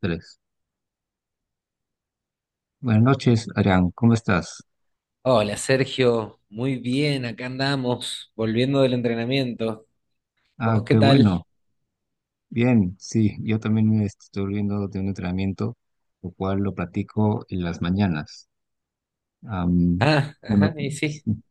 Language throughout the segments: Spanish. Tres. Buenas noches, Arián. ¿Cómo estás? Hola Sergio, muy bien, acá andamos, volviendo del entrenamiento. Ah, ¿Vos qué qué tal? bueno. Bien, sí, yo también me estoy volviendo de un entrenamiento, lo cual lo practico en las mañanas. Am, Ah, bueno, ajá, y sí. sí,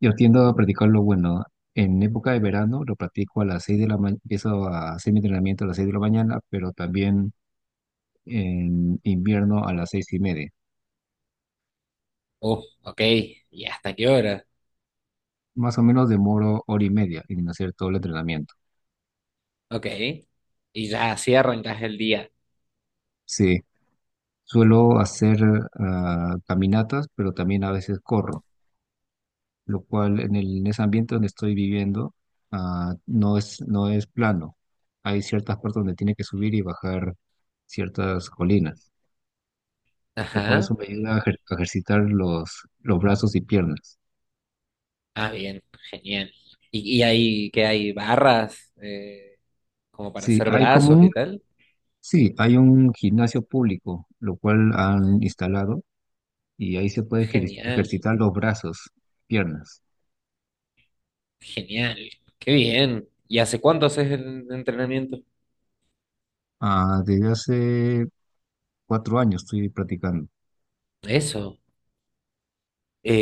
yo tiendo a practicarlo, bueno, en época de verano lo practico a las 6 de la mañana, empiezo a hacer mi entrenamiento a las 6 de la mañana, pero también en invierno a las seis y media. Ok, ¿y hasta qué hora? Más o menos demoro hora y media en hacer todo el entrenamiento. Ok, y ya así arrancás el día. Sí, suelo hacer caminatas, pero también a veces corro, lo cual en ese ambiente donde estoy viviendo no es, no es plano. Hay ciertas partes donde tiene que subir y bajar ciertas colinas, lo cual eso Ajá, me ayuda a a ejercitar los brazos y piernas. ah, bien, genial. ¿Y ahí qué hay? ¿Barras? Como para Sí, hacer hay como brazos y un, tal. sí, hay un gimnasio público, lo cual han instalado y ahí se puede Genial, ejercitar los brazos, piernas. genial, qué bien. ¿Y hace cuánto haces el entrenamiento? Ah, desde hace cuatro años estoy practicando. Eso,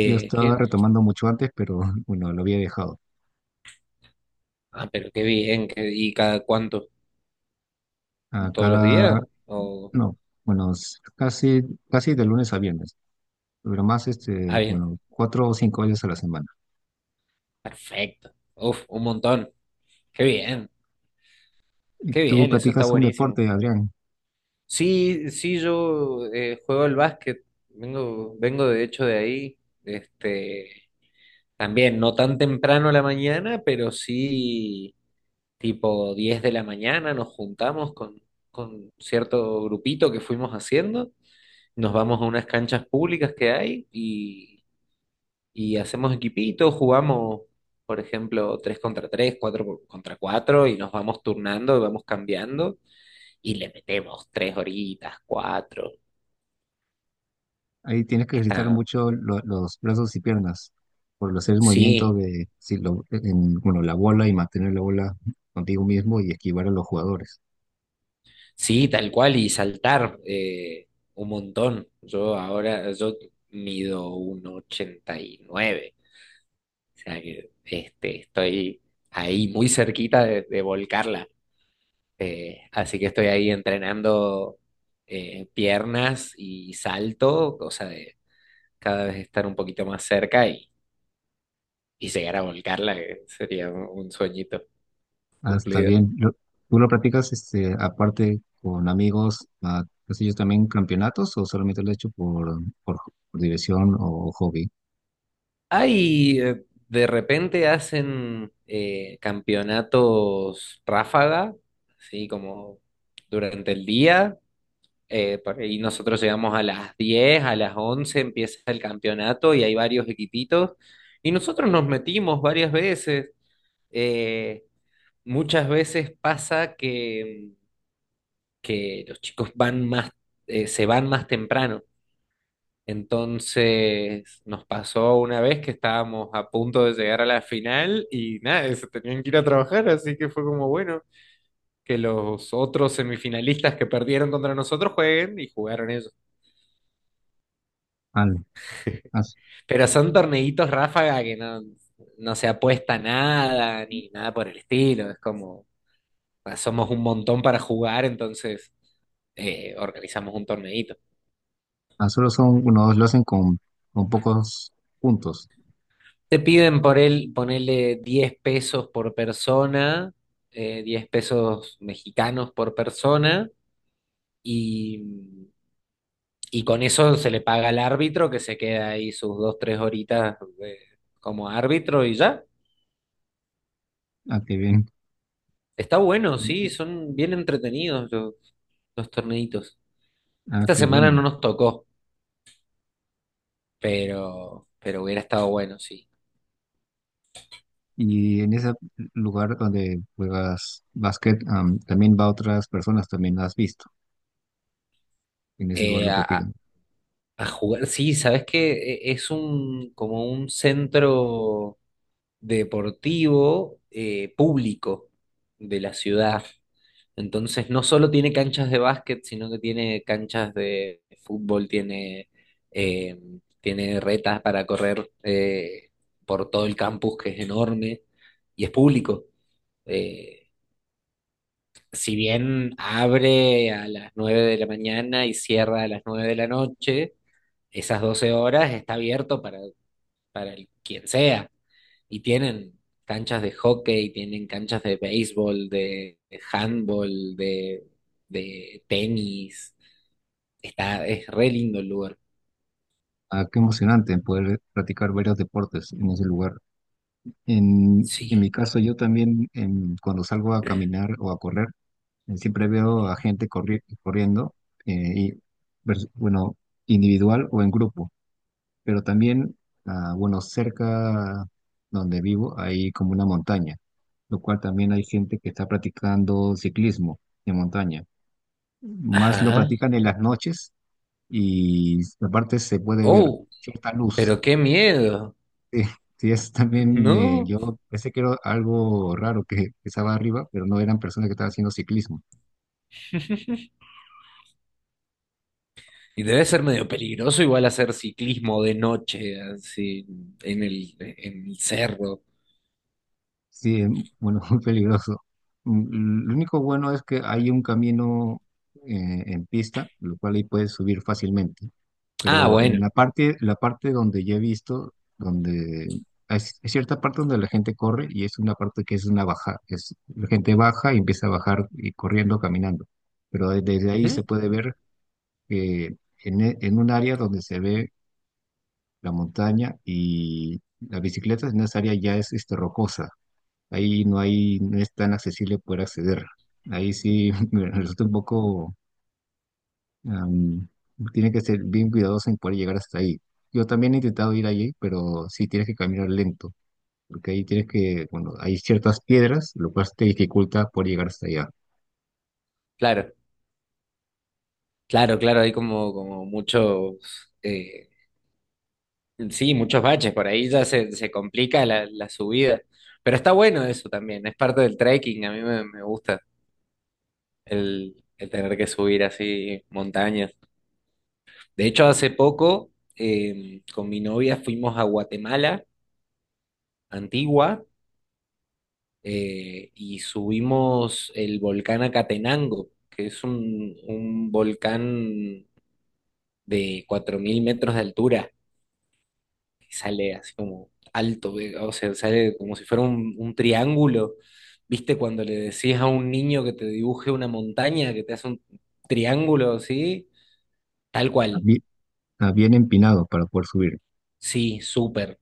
Yo estaba qué- retomando mucho antes, pero bueno, lo había dejado. ah, pero qué bien, ¿y cada cuánto? A Todos los cada, días? ¿O... no, bueno, casi, casi de lunes a viernes, pero más este, Ah, bien, bueno, cuatro o cinco veces a la semana. perfecto. Uf, un montón. Qué bien, Y qué tú bien, eso está practicas un buenísimo. deporte, Adrián. Sí, sí, yo juego al básquet, vengo de hecho de ahí, este, también no tan temprano a la mañana, pero sí tipo 10 de la mañana nos juntamos con cierto grupito que fuimos haciendo, nos vamos a unas canchas públicas que hay y hacemos equipitos, jugamos, por ejemplo, 3 contra tres, 4 contra cuatro, y nos vamos turnando y vamos cambiando y le metemos 3 horitas, cuatro. Ahí tienes que ejercitar Está, mucho los brazos y piernas por hacer el movimiento sí, de, si lo, en, bueno, la bola y mantener la bola contigo mismo y esquivar a los jugadores. sí, tal cual, y saltar un montón. Yo ahora, yo mido un ochenta y nueve, o sea que este, estoy ahí muy cerquita de volcarla. Así que estoy ahí entrenando piernas y salto, cosa de cada vez estar un poquito más cerca y llegar a volcarla, que sería un sueñito Ah, está cumplido. bien. ¿Tú lo practicas este, aparte con amigos, ah, pues ellos también campeonatos o solamente lo has hecho por diversión o hobby? Hay, de repente hacen campeonatos ráfaga, así como durante el día. Por ahí nosotros llegamos a las 10, a las 11 empieza el campeonato y hay varios equipitos. Y nosotros nos metimos varias veces. eh, muchas veces pasa que los chicos van más, se van más temprano. Entonces nos pasó una vez que estábamos a punto de llegar a la final y nada, se tenían que ir a trabajar, así que fue como bueno, que los otros semifinalistas que perdieron contra nosotros jueguen, y jugaron ellos. Ah, ah, Pero son torneitos ráfaga que no se apuesta nada ni nada por el estilo, es como, pues, somos un montón para jugar, entonces organizamos un torneito. ah, solo son unos, lo hacen con pocos puntos. Te piden por él, ponerle 10 pesos por persona, 10 pesos mexicanos por persona, y, y con eso se le paga al árbitro, que se queda ahí sus dos, tres horitas como árbitro y ya. Ah, qué bien. Está bueno, sí, Y... son bien entretenidos los torneitos. ah, Esta qué semana bueno. no nos tocó, pero hubiera estado bueno, sí. Y en ese lugar donde juegas básquet, también va otras personas, también las has visto. En ese lugar Eh, lo a- practican. A jugar, sí, sabes que es un como un centro deportivo público de la ciudad. Entonces no solo tiene canchas de básquet, sino que tiene canchas de fútbol, eh, tiene retas para correr por todo el campus, que es enorme, y es público. Eh, si bien abre a las 9 de la mañana y cierra a las 9 de la noche, esas 12 horas está abierto para quien sea. Y tienen canchas de hockey, tienen canchas de béisbol, de handball, de tenis. Está, es re lindo el lugar. Ah, qué emocionante poder practicar varios deportes en ese lugar. En Sí. mi caso, yo también cuando salgo a caminar o a correr, siempre veo a gente corriendo, eh, y, bueno, individual o en grupo, pero también, bueno, cerca donde vivo hay como una montaña, lo cual también hay gente que está practicando ciclismo de montaña. Más lo Ajá. practican en las noches y aparte se puede ver Oh, cierta luz. pero qué miedo. Sí, sí, es también, No. yo pensé que era algo raro que estaba arriba, pero no eran personas que estaban haciendo ciclismo. Y debe ser medio peligroso igual hacer ciclismo de noche, así, en el cerro. Sí, bueno, muy peligroso. Mm, lo único bueno es que hay un camino en pista, lo cual ahí puedes subir fácilmente. Ah, Pero en bueno. La parte donde yo he visto, donde hay, hay cierta parte donde la gente corre y es una parte que es una baja, es, la gente baja y empieza a bajar y corriendo, caminando. Pero desde ahí se Ujú, puede ver eh, en un área donde se ve la montaña y la bicicleta en esa área ya es este, rocosa. Ahí no hay, no es tan accesible poder acceder. Ahí sí me resulta un poco, am, tiene que ser bien cuidadoso en poder llegar hasta ahí. Yo también he intentado ir allí, pero sí tienes que caminar lento, porque ahí tienes que, bueno, hay ciertas piedras, lo cual te dificulta poder llegar hasta allá. claro. Claro, claro, hay como muchos, eh, sí, muchos baches, por ahí ya se complica la subida, pero está bueno eso también, es parte del trekking, a mí me gusta el tener que subir así montañas. De hecho, hace poco con mi novia fuimos a Guatemala, Antigua, y subimos el volcán Acatenango, que es un volcán de 4000 metros de altura. Sale así como alto, o sea, sale como si fuera un triángulo. ¿Viste cuando le decís a un niño que te dibuje una montaña, que te hace un triángulo así? Tal cual, Bien, bien empinado para poder subir. sí, súper.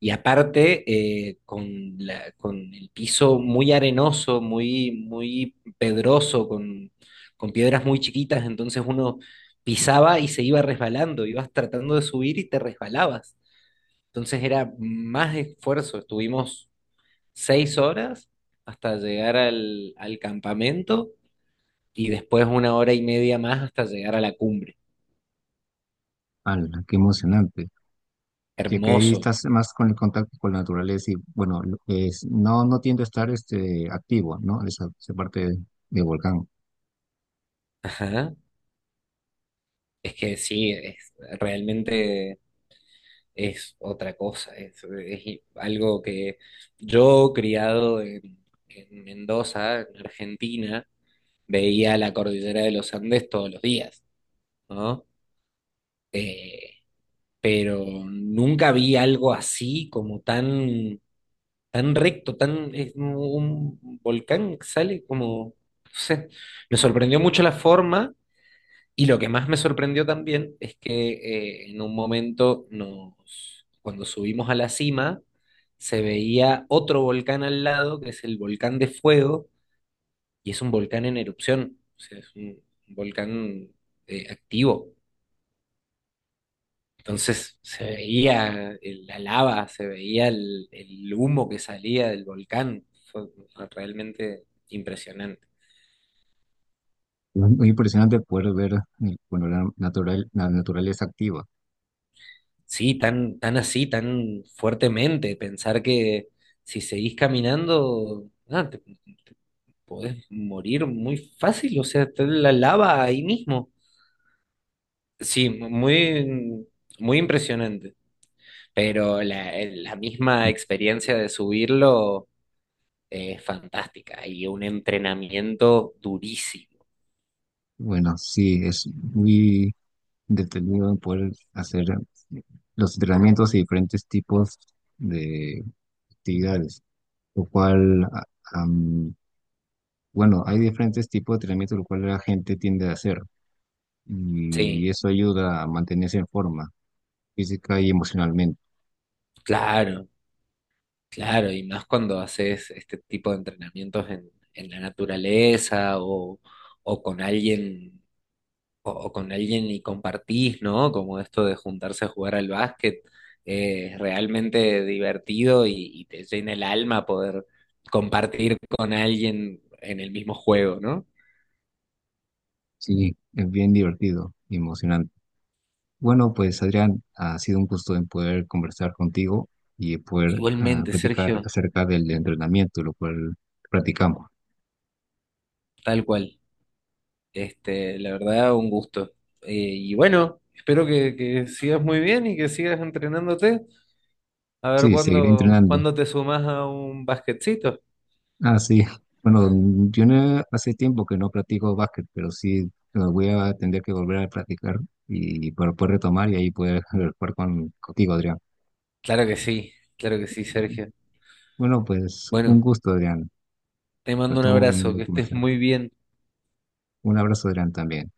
Y aparte, con la, con el piso muy arenoso, muy, muy pedroso, con piedras muy chiquitas, entonces uno pisaba y se iba resbalando, ibas tratando de subir y te resbalabas. Entonces era más esfuerzo, estuvimos 6 horas hasta llegar al campamento y después una hora y media más hasta llegar a la cumbre. ¡Hala, qué emocionante! Ya que ahí Hermoso. estás más con el contacto con la naturaleza y bueno, es, no, no tiendo a estar este, activo, ¿no? Esa parte del volcán. Ajá. Es que sí, es, realmente es otra cosa. Es algo que yo, criado en Mendoza, en Argentina, veía la cordillera de los Andes todos los días, ¿no? Eh, pero nunca vi algo así como tan tan recto, tan, es como un volcán que sale como, no sé. Me sorprendió mucho la forma, y lo que más me sorprendió también es que en un momento cuando subimos a la cima, se veía otro volcán al lado, que es el volcán de fuego, y es un volcán en erupción, o sea, es un volcán activo. Entonces se veía la lava, se veía el humo que salía del volcán. Fue realmente impresionante. Es muy impresionante poder ver bueno, la, natural, la naturaleza activa. Sí, tan, tan así, tan fuertemente, pensar que si seguís caminando, ah, te podés morir muy fácil, o sea, está la lava ahí mismo. Sí, muy, muy impresionante. Pero la misma experiencia de subirlo es fantástica y un entrenamiento durísimo. Bueno, sí, es muy detenido poder hacer eh, los entrenamientos y diferentes tipos de actividades, lo cual, am, bueno, hay diferentes tipos de entrenamientos, lo cual la gente tiende a hacer y Sí, eso ayuda a mantenerse en forma física y emocionalmente. claro, claro. Y más cuando haces este tipo de entrenamientos en la naturaleza, o con alguien, o con alguien, y compartís, ¿no? Como esto de juntarse a jugar al básquet. Es realmente divertido, y te llena el alma poder compartir con alguien en el mismo juego, ¿no? Sí, es bien divertido y emocionante. Bueno, pues Adrián, ha sido un gusto en poder conversar contigo y poder Igualmente, platicar Sergio, acerca del entrenamiento, lo cual practicamos. tal cual. Este, la verdad, un gusto. Y bueno, espero que sigas muy bien y que sigas entrenándote. A ver Sí, seguiré cuándo, entrenando. cuándo te sumas a un basquetcito. Ah, sí. Bueno, yo no- hace tiempo que no practico básquet, pero sí voy a tener que volver a practicar y para poder retomar y ahí poder jugar con, contigo, Adrián. Claro que sí, Sergio. Bueno, pues un Bueno, gusto, Adrián. te Nos mando un estamos abrazo, viendo y que estés conversar. muy bien. Un abrazo, Adrián, también.